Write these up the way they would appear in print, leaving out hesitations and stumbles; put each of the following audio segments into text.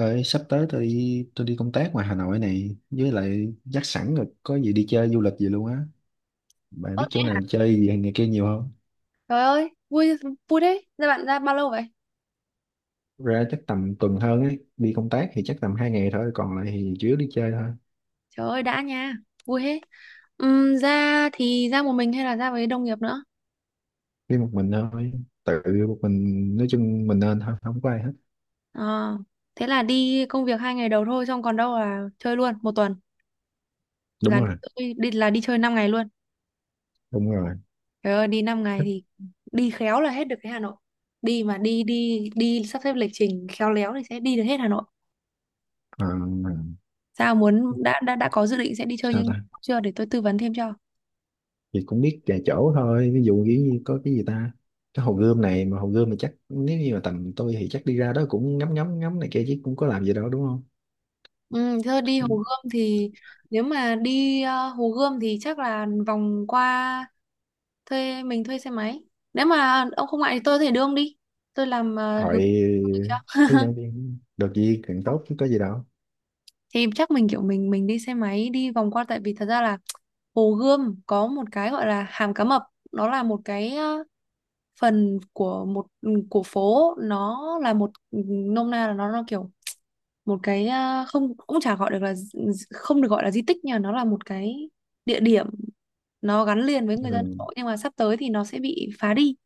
Ơi, sắp tới tôi đi công tác ngoài Hà Nội này với lại dắt sẵn rồi, có gì đi chơi du lịch gì luôn á. Bạn Ơ, biết chỗ nào chơi gì hay này kia nhiều không? Trời ơi, vui vui đấy. Ra bạn ra bao lâu vậy? Ra chắc tầm tuần hơn ấy, đi công tác thì chắc tầm 2 ngày thôi, còn lại thì chủ yếu đi chơi thôi. Trời ơi đã nha, vui hết. Ra thì ra một mình hay là ra với đồng nghiệp nữa? Đi một mình thôi. tự Một mình, nói chung mình nên thôi, không có ai hết. Ờ, thế là đi công việc 2 ngày đầu thôi, xong còn đâu là chơi luôn một tuần Đúng là rồi, là đi chơi 5 ngày luôn. đúng rồi, Trời ơi đi 5 ngày thích. thì đi khéo là hết được cái Hà Nội. Đi mà đi đi đi sắp xếp lịch trình khéo léo thì sẽ đi được hết Hà Nội. ờ, Sao muốn đã có dự định sẽ đi chơi Sao nhưng ta? chưa để tôi tư vấn thêm cho. Thì cũng biết vài chỗ thôi, ví dụ như có cái gì ta, cái hồ gươm này, mà hồ gươm thì chắc nếu như mà tầm tôi thì chắc đi ra đó cũng ngắm ngắm ngắm này kia chứ cũng có làm gì đâu, đúng không? Ừ, thưa đi Hồ Gươm thì nếu mà đi Hồ Gươm thì chắc là vòng qua mình thuê xe máy. Nếu mà ông không ngại thì tôi có thể đưa ông đi. Tôi làm Hỏi hướng hướng dẫn viên được gì càng tốt chứ có gì đâu. thì chắc mình kiểu mình đi xe máy đi vòng qua tại vì thật ra là Hồ Gươm có một cái gọi là Hàm Cá Mập, nó là một cái phần của một của phố, nó là một nôm na là nó kiểu một cái không cũng chả gọi được là không được gọi là di tích nhưng mà nó là một cái địa điểm nó gắn liền với người Ừ. dân Hà Nội nhưng mà sắp tới thì nó sẽ bị phá đi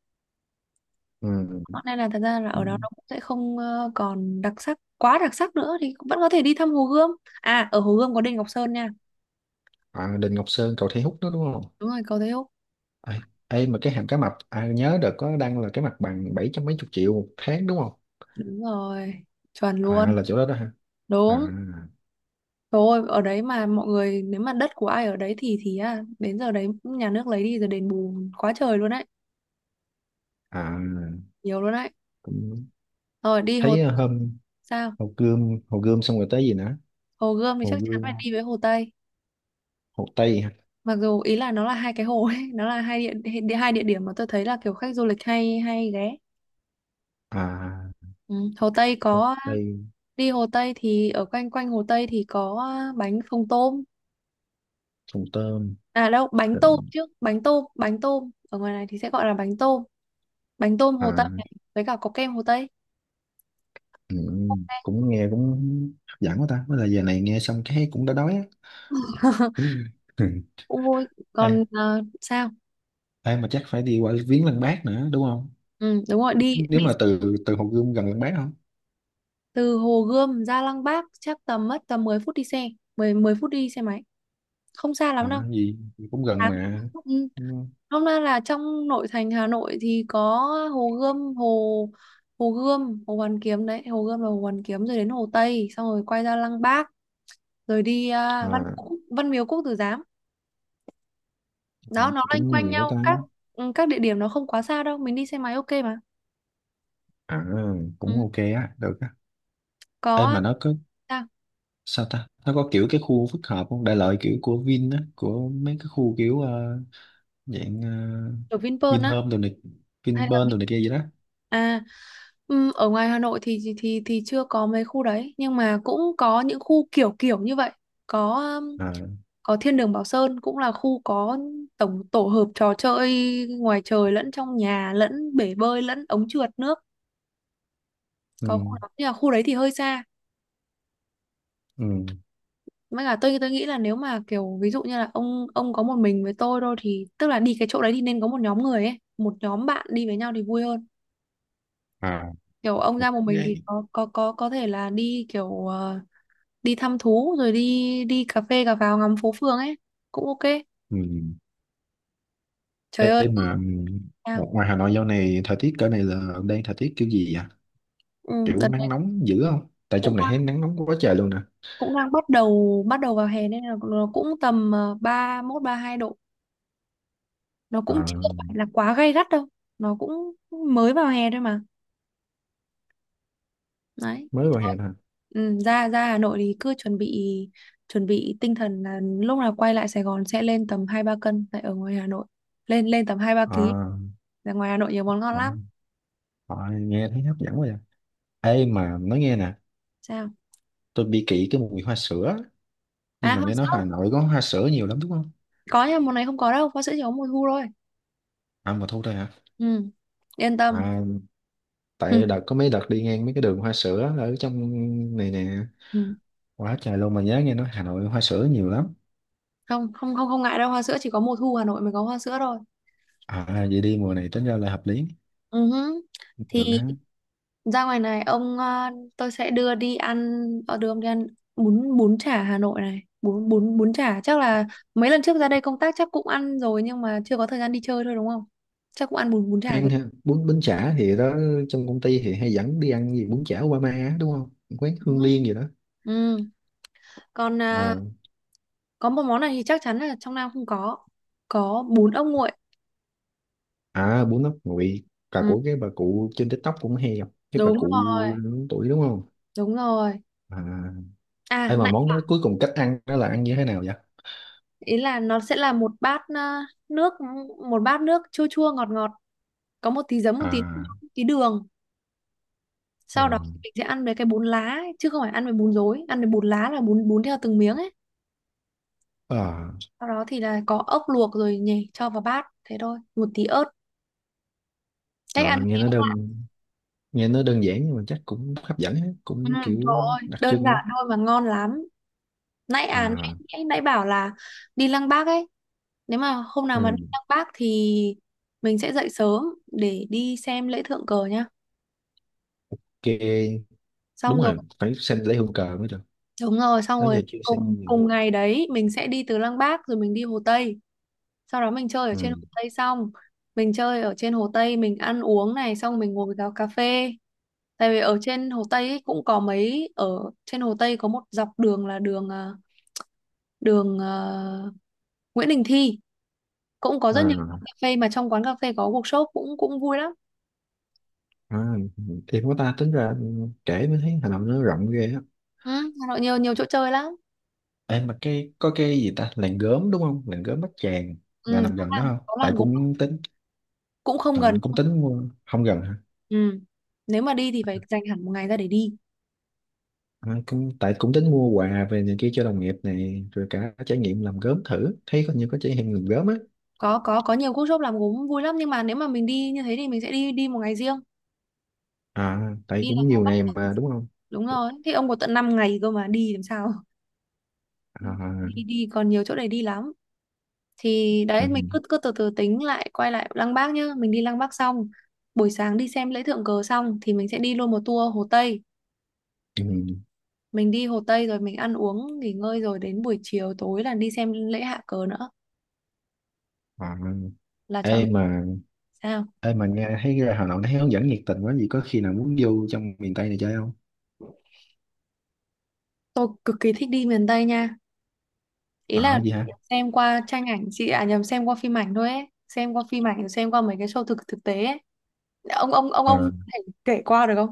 Ừ. nên là thật ra là ở đó nó cũng sẽ không còn đặc sắc quá đặc sắc nữa thì vẫn có thể đi thăm Hồ Gươm. À, ở Hồ Gươm có đền Ngọc Sơn nha. À, Đình Ngọc Sơn, cầu Thi Hút đó đúng không? Đúng rồi cầu Thế Húc, Ê, mà cái hàm cá mập à, nhớ được có đăng là cái mặt bằng bảy trăm mấy chục triệu một tháng đúng không? đúng rồi chuẩn À luôn là chỗ đó đó hả? À. đúng. Thôi ở đấy mà mọi người nếu mà đất của ai ở đấy thì đến giờ đấy nhà nước lấy đi rồi đền bù quá trời luôn đấy, À, nhiều luôn đấy. cũng Rồi đi Hồ, thấy hôm sao, Hồ Gươm xong rồi tới gì nữa? Hồ Gươm thì Hồ chắc chắn phải Gươm. đi với Hồ Tây. Hồ Tây hả? Mặc dù ý là nó là hai cái hồ ấy, nó là hai địa, địa hai địa điểm mà tôi thấy là kiểu khách du lịch hay hay ghé. À, Ừ. Hồ Tây Hồ có Tây. đi Hồ Tây thì ở quanh quanh Hồ Tây thì có bánh phồng tôm. Hồ Tôm. À đâu, bánh tôm chứ, bánh tôm, bánh tôm. Ở ngoài này thì sẽ gọi là bánh tôm. Bánh tôm Hồ Tây À. này, với cả có kem Hồ Tây. Ừ, cũng nghe cũng hấp dẫn quá ta, bây là giờ này nghe xong cái cũng đã đói á. Cũng vui. Ê, Còn sao? mà chắc phải đi qua viếng Lăng Bác nữa đúng không? Ừ, đúng rồi, đi, Nếu đi mà từ từ Hồ Gươm gần Lăng Bác không? từ Hồ Gươm ra Lăng Bác chắc tầm mất tầm 10 phút đi xe, 10 10 phút đi xe máy. Không xa lắm đâu. À, gì gì cũng gần À, mà. ừ. Ừ. Hôm nay là trong nội thành Hà Nội thì có Hồ Gươm, Hồ Hồ Gươm, Hồ Hoàn Kiếm đấy, Hồ Gươm là Hồ Hoàn Kiếm, rồi đến Hồ Tây, xong rồi quay ra Lăng Bác, rồi đi À, Văn Miếu Quốc Tử Giám. Đó nó loanh cũng quanh nhiều đó nhau, ta. các địa điểm nó không quá xa đâu, mình đi xe máy ok mà. À, cũng Ừ. ok á, được á. Có Ê à, mà nó có sao ta? Nó có kiểu cái khu phức hợp không? Đại loại kiểu của Vin á, của mấy cái khu kiểu dạng ở Vinpearl á Vinhome đồ này, hay là Vinpearl đồ này kia gì đó. À, ở ngoài Hà Nội thì chưa có mấy khu đấy nhưng mà cũng có những khu kiểu kiểu như vậy. Có À, có Thiên đường Bảo Sơn cũng là khu có tổ hợp trò chơi ngoài trời lẫn trong nhà lẫn bể bơi lẫn ống trượt nước, ừ, có khu đó nhưng mà khu đấy thì hơi xa. ừ. Mới cả tôi nghĩ là nếu mà kiểu ví dụ như là ông có một mình với tôi thôi thì tức là đi cái chỗ đấy thì nên có một nhóm người ấy, một nhóm bạn đi với nhau thì vui hơn. À, Kiểu ông ra một mình thì vậy. có thể là đi kiểu đi thăm thú rồi đi đi cà phê cà pháo ngắm phố phường ấy cũng ok. Ừ. Trời ơi Ê mà sao? ngoài Hà Nội dạo này thời tiết cỡ này là đang thời tiết kiểu gì vậy? Ừ, Kiểu đợt này nắng nóng dữ không? Tại cũng trong này thấy nắng nóng quá trời luôn nè. cũng đang bắt đầu vào hè nên là nó cũng tầm 31-32 độ. Nó Ờ, cũng chưa phải là quá gay gắt đâu. Nó cũng mới vào hè thôi mà. Đấy. mới vào hè Thôi, thôi. ừ, ra ra Hà Nội thì cứ chuẩn bị tinh thần là lúc nào quay lại Sài Gòn sẽ lên tầm 2-3 cân tại ở ngoài Hà Nội. Lên lên tầm hai ba Ờ, ký Là ngoài Hà Nội nhiều món ngon ờ, lắm. ờ, nghe thấy hấp dẫn quá vậy. Ê mà nói nghe nè, Sao? tôi bị kỵ cái mùi hoa sữa. Nhưng À mà hoa nghe nói sữa. Hà Nội có hoa sữa nhiều lắm đúng không? Có nhưng mà món này không có đâu, hoa sữa chỉ có mùa thu thôi. À mà thôi thôi hả? Ừ. Yên tâm. À, tại đợt có mấy đợt đi ngang mấy cái đường hoa sữa ở trong này nè. Ừ. Quá trời luôn mà nhớ nghe nói Hà Nội hoa sữa nhiều lắm. Không, không, không, không ngại đâu, hoa sữa chỉ có mùa thu Hà Nội mới có hoa sữa thôi. À vậy đi mùa này tính ra là hợp lý. Ừ hứ. Thì Được á. ra ngoài này ông tôi sẽ đưa đi ăn đưa ông đi ăn bún bún chả Hà Nội này, bún bún bún chả chắc là mấy lần trước ra đây công tác chắc cũng ăn rồi nhưng mà chưa có thời gian đi chơi thôi đúng không, chắc cũng ăn bún bún chả Ăn rồi. ha, bún bún chả thì đó, trong công ty thì hay dẫn đi ăn gì bún chả Obama á, đúng không, quán Ừ. Hương Liên gì đó. Ừ, còn À, có một món này thì chắc chắn là trong Nam không có. Có bún ốc nguội. à bún ốc nguội là Ừ, của cái bà cụ trên TikTok, cũng hay gặp cái bà đúng cụ rồi, lớn tuổi đúng không? đúng rồi. À, À, ai mà nãy món đó cuối cùng cách ăn đó là ăn như thế nào vậy? ý là nó sẽ là nước một bát nước chua chua ngọt ngọt, có một tí giấm, một tí À. một tí đường. À. Sau đó thì mình sẽ ăn với cái bún lá ấy, chứ không phải ăn với bún rối, ăn với bún lá là bún bún theo từng miếng ấy. À Sau đó thì là có ốc luộc rồi nhỉ, cho vào bát thế thôi, một tí ớt, cách ăn. rồi, nghe nó đơn giản nhưng mà chắc cũng hấp dẫn á, Ừ, cũng trời kiểu ơi đặc đơn trưng á. giản thôi mà ngon lắm. nãy à nãy, À. nãy nãy bảo là đi Lăng Bác ấy, nếu mà hôm nào mà đi Ừ. Lăng Bác thì mình sẽ dậy sớm để đi xem lễ thượng cờ nhá, Ok, đúng xong rồi rồi phải xem lễ hương cờ mới được. đúng rồi, xong Đó rồi giờ chưa xem cùng món gì. cùng ngày đấy mình sẽ đi từ Lăng Bác rồi mình đi Hồ Tây, sau đó mình chơi ở Ừ. trên Hồ Tây, xong mình chơi ở trên Hồ Tây mình ăn uống này, xong mình ngồi vào cà phê, tại vì ở trên Hồ Tây ấy cũng có mấy ở trên Hồ Tây có một dọc đường là đường Nguyễn Đình Thi, cũng có rất nhiều quán À. cà phê mà trong quán cà phê có workshop cũng cũng vui lắm. À, thì của ta tính ra kể mới thấy Hà Nội nó rộng ghê á. Ừ, Hà Nội nhiều nhiều chỗ chơi lắm. Em mà cái có cái gì ta, làng gốm đúng không? Làng gốm Bát Tràng là Ừ, nằm có gần đó làng không? có Tại làng Gốm, cũng tính. cũng không À, gần cũng đâu. tính mua, không gần hả? Ừ. Nếu mà đi thì phải dành hẳn một ngày ra để đi. À, cũng tại cũng tính mua quà về này kia cho đồng nghiệp này, rồi cả trải nghiệm làm gốm, thử thấy có nhiều, có trải nghiệm làm gốm á. Có nhiều workshop làm gốm vui lắm nhưng mà nếu mà mình đi như thế thì mình sẽ đi đi một ngày riêng. À tại Đi là cũng có. nhiều ngày mà đúng không? Đúng rồi, thì ông có tận 5 ngày cơ mà đi làm sao? À, Đi đi còn nhiều chỗ để đi lắm. Thì ừ, đấy mình cứ cứ từ từ tính lại, quay lại Lăng Bác nhá, mình đi Lăng Bác xong, buổi sáng đi xem lễ thượng cờ xong thì mình sẽ đi luôn một tour Hồ Tây. ừ, Mình đi Hồ Tây rồi mình ăn uống nghỉ ngơi rồi đến buổi chiều tối là đi xem lễ hạ cờ nữa, à. là chọn. Ê mà Sao? ê mà nghe thấy ra Hà Nội nó thấy hướng dẫn nhiệt tình quá, gì có khi nào muốn vô trong miền Tây này chơi không? Tôi cực kỳ thích đi miền Tây nha. Ý là Ở gì hả? xem qua tranh ảnh chị à nhầm xem qua phim ảnh thôi ấy, xem qua phim ảnh xem qua mấy cái show thực thực tế ấy. Ông ông ông À, ông có thể kể qua được không?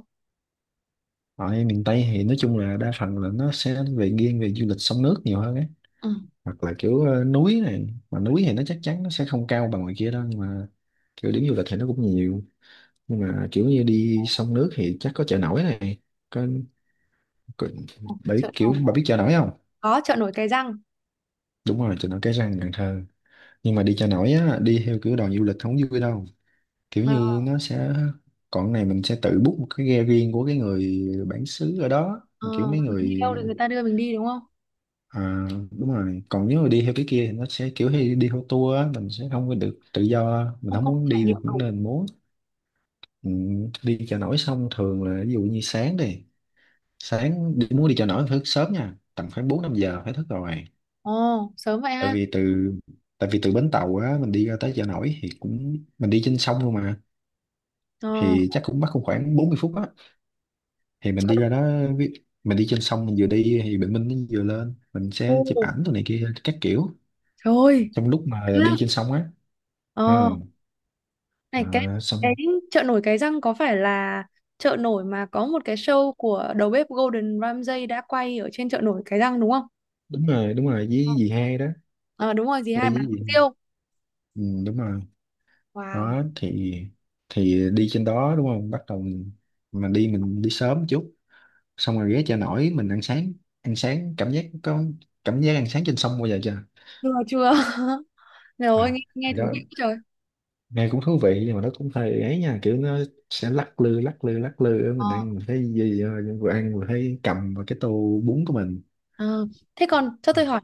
ở miền Tây thì nói chung là đa phần là nó sẽ về nghiêng về du lịch sông nước nhiều hơn ấy, Ừ. hoặc là kiểu núi này, mà núi thì nó chắc chắn nó sẽ không cao bằng ngoài kia đâu, nhưng mà kiểu điểm du lịch thì nó cũng nhiều, nhưng mà kiểu như đi sông nước thì chắc có chợ nổi này, có, có, bà Chợ biết kiểu nổi bà biết chợ nổi không? có chợ nổi Cái Răng. Đúng rồi, chợ nổi Cái Răng Cần Thơ, nhưng mà đi chợ nổi á, đi theo kiểu đoàn du lịch không vui đâu. Kiểu ờ, như nó sẽ, còn cái này mình sẽ tự book một cái ghe riêng của cái người bản xứ ở đó, ờ, mà kiểu mấy mình đi người. đâu thì người ta đưa mình đi đúng không, À, đúng rồi, còn nếu mà đi theo cái kia thì nó sẽ kiểu hay đi theo tour á, mình sẽ không có được tự do, mình không không không muốn trải đi nghiệm được cũng đủ. nên muốn. Ừ, đi chợ nổi xong thường là ví dụ như sáng đi, muốn đi chợ nổi phải thức sớm nha, tầm khoảng bốn năm giờ phải thức rồi. Ồ sớm vậy tại ha. vì từ tại vì từ bến tàu á, mình đi ra tới chợ nổi thì cũng, mình đi trên sông luôn mà, ờ, thì chắc cũng mất cũng khoảng 40 phút á, thì mình chợ đi ra nổi. đó. ví- mình đi trên sông, mình vừa đi thì bình minh nó vừa lên, mình Ồ, sẽ chụp ảnh tụi này kia các kiểu, trời ơi trong lúc mà ha. đi trên sông á. Ờ. ờ này cái À, cái xong. chợ nổi Cái Răng có phải là chợ nổi mà có một cái show của đầu bếp Gordon Ramsay đã quay ở trên chợ nổi Cái Răng đúng không? Đúng rồi, đúng rồi, Ờ. với dì hai đó. Ờ, đúng rồi gì hai Quay bán với hủ dì. tiếu. Ừ, đúng rồi. Wow. Đó thì đi trên đó đúng không, bắt đầu mình, mà đi mình đi sớm chút, xong rồi ghé chợ nổi mình ăn sáng, ăn sáng cảm giác có, cảm giác ăn sáng trên sông bao giờ chưa? Chưa chưa rồi À, nghe nghe thì thú đó, vị quá trời. nghe cũng thú vị nhưng mà nó cũng hơi ấy nha, kiểu nó sẽ lắc lư lắc lư lắc lư, Ờ. mình ăn mình thấy gì, vừa ăn vừa thấy cầm vào cái tô bún của mình. Ờ, thế còn cho À. tôi hỏi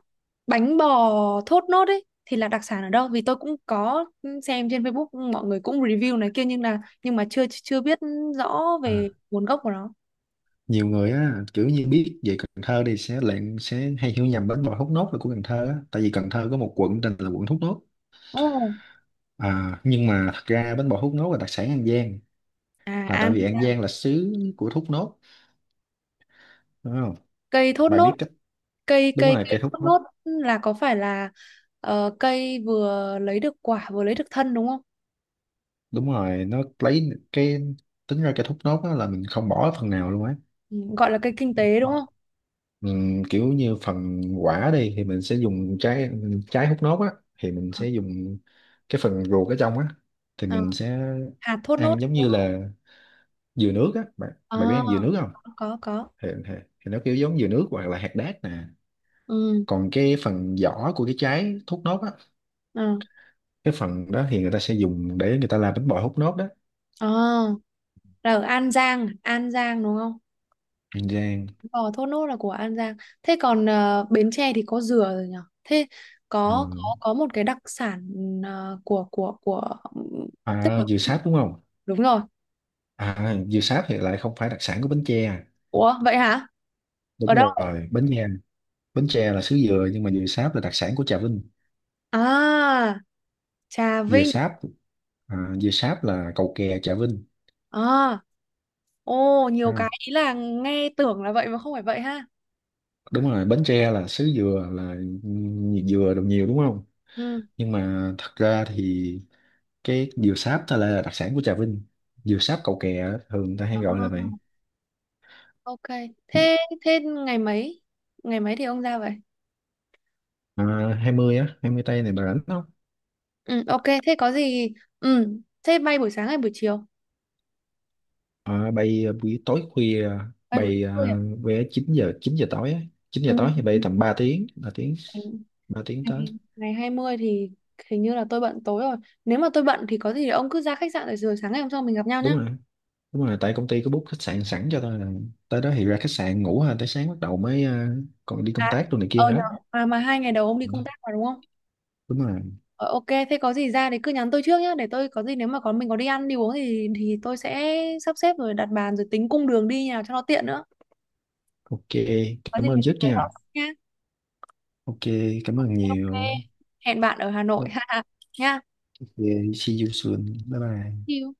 bánh bò thốt nốt ấy thì là đặc sản ở đâu? Vì tôi cũng có xem trên Facebook mọi người cũng review này kia nhưng mà chưa chưa biết rõ về À, nguồn gốc của nó. nhiều người á kiểu như biết về Cần Thơ thì sẽ lại sẽ hay hiểu nhầm bánh bò thốt nốt là của Cần Thơ á, tại vì Cần Thơ có một quận tên là quận Thốt Nốt. Ồ. À, nhưng mà thật ra bánh bò thốt nốt là đặc sản An Giang, À là tại An, vì An Giang là xứ của thốt nốt đúng không? cây thốt Bà nốt, biết cách. cây Đúng cây rồi cây cây thốt thốt nốt. nốt là có phải là cây vừa lấy được quả vừa lấy được thân đúng không? Đúng rồi nó lấy cái, tính ra cây thốt nốt á là mình không bỏ phần nào luôn á. Ừ, gọi là cây kinh tế đúng Vâng. không? Kiểu như phần quả đi thì mình sẽ dùng trái, trái hút nốt á thì mình sẽ dùng cái phần ruột ở trong á, thì Ờ, mình sẽ hạt thốt nốt. ăn giống như là dừa nước á, bạn À, bạn biết ăn dừa nước không? có có. Thì nó kiểu giống dừa nước hoặc là hạt đác nè. Ừ. Còn cái phần vỏ của cái trái hút nốt á, Ờ. cái phần đó thì người ta sẽ dùng để người ta làm bánh bò hút nốt đó. Ờ, là ở An Giang, An Giang đúng không? Bánh rang. Ờ, Thốt Nốt là của An Giang. Thế còn Bến Tre thì có dừa rồi nhở? Thế Ừ. có một cái đặc sản của tức À, là dừa sáp đúng không? đúng rồi. À, dừa sáp thì lại không phải đặc sản của Bến Tre à. Ủa vậy hả? Ở Đúng đâu? rồi bánh. Bến Tre là xứ dừa nhưng mà dừa sáp là đặc sản của Trà Vinh. À, Trà Dừa Vinh. sáp. À, dừa sáp là cầu kè Trà Vinh. À, ô nhiều À, cái ý là nghe tưởng là vậy mà không phải vậy ha. đúng rồi Bến Tre là xứ dừa, là nhiều dừa đồ nhiều đúng không, Ừ. nhưng mà thật ra thì cái dừa sáp ta là đặc sản của Trà Vinh, dừa sáp cầu kè á, thường ta hay gọi À, là vậy. ok. Thế thế ngày mấy? Ngày mấy thì ông ra vậy? À, 20 á, 20 tây này bà rảnh không? Ừ, ok. Thế có gì? Ừ. Thế bay buổi sáng hay buổi chiều? À, bay buổi tối khuya. Bay buổi Bay tối. À? vé chín giờ tối á. 9 giờ Ừ. tối thì bay Ừ, tầm ba tiếng ba tiếng ừ. ba tiếng tới. ngày ngày 20 thì hình như là tôi bận tối rồi. Nếu mà tôi bận thì có gì ông cứ ra khách sạn rồi rồi sáng ngày hôm sau mình gặp nhau nhá. Đúng rồi. Đúng rồi, tại công ty có book khách sạn sẵn cho tôi là tới đó thì ra khách sạn ngủ ha, tới sáng bắt đầu mới còn đi công À, tác đồ này ờ kia đó. nhờ. À, mà 2 ngày đầu ông đi Ừ, công tác mà đúng không? đúng rồi. Ờ, ok, thế có gì ra thì cứ nhắn tôi trước nhá, để tôi có gì nếu mà có mình có đi ăn đi uống thì tôi sẽ sắp xếp rồi đặt bàn rồi tính cung đường đi nhà cho nó tiện nữa. Ok, Có gì cảm ơn mình sẽ trước nói rõ nha. nha. Ok, cảm ơn Ok. nhiều. Hẹn bạn ở Hà Nội Ok, ha nha. see you soon. Bye bye. See you.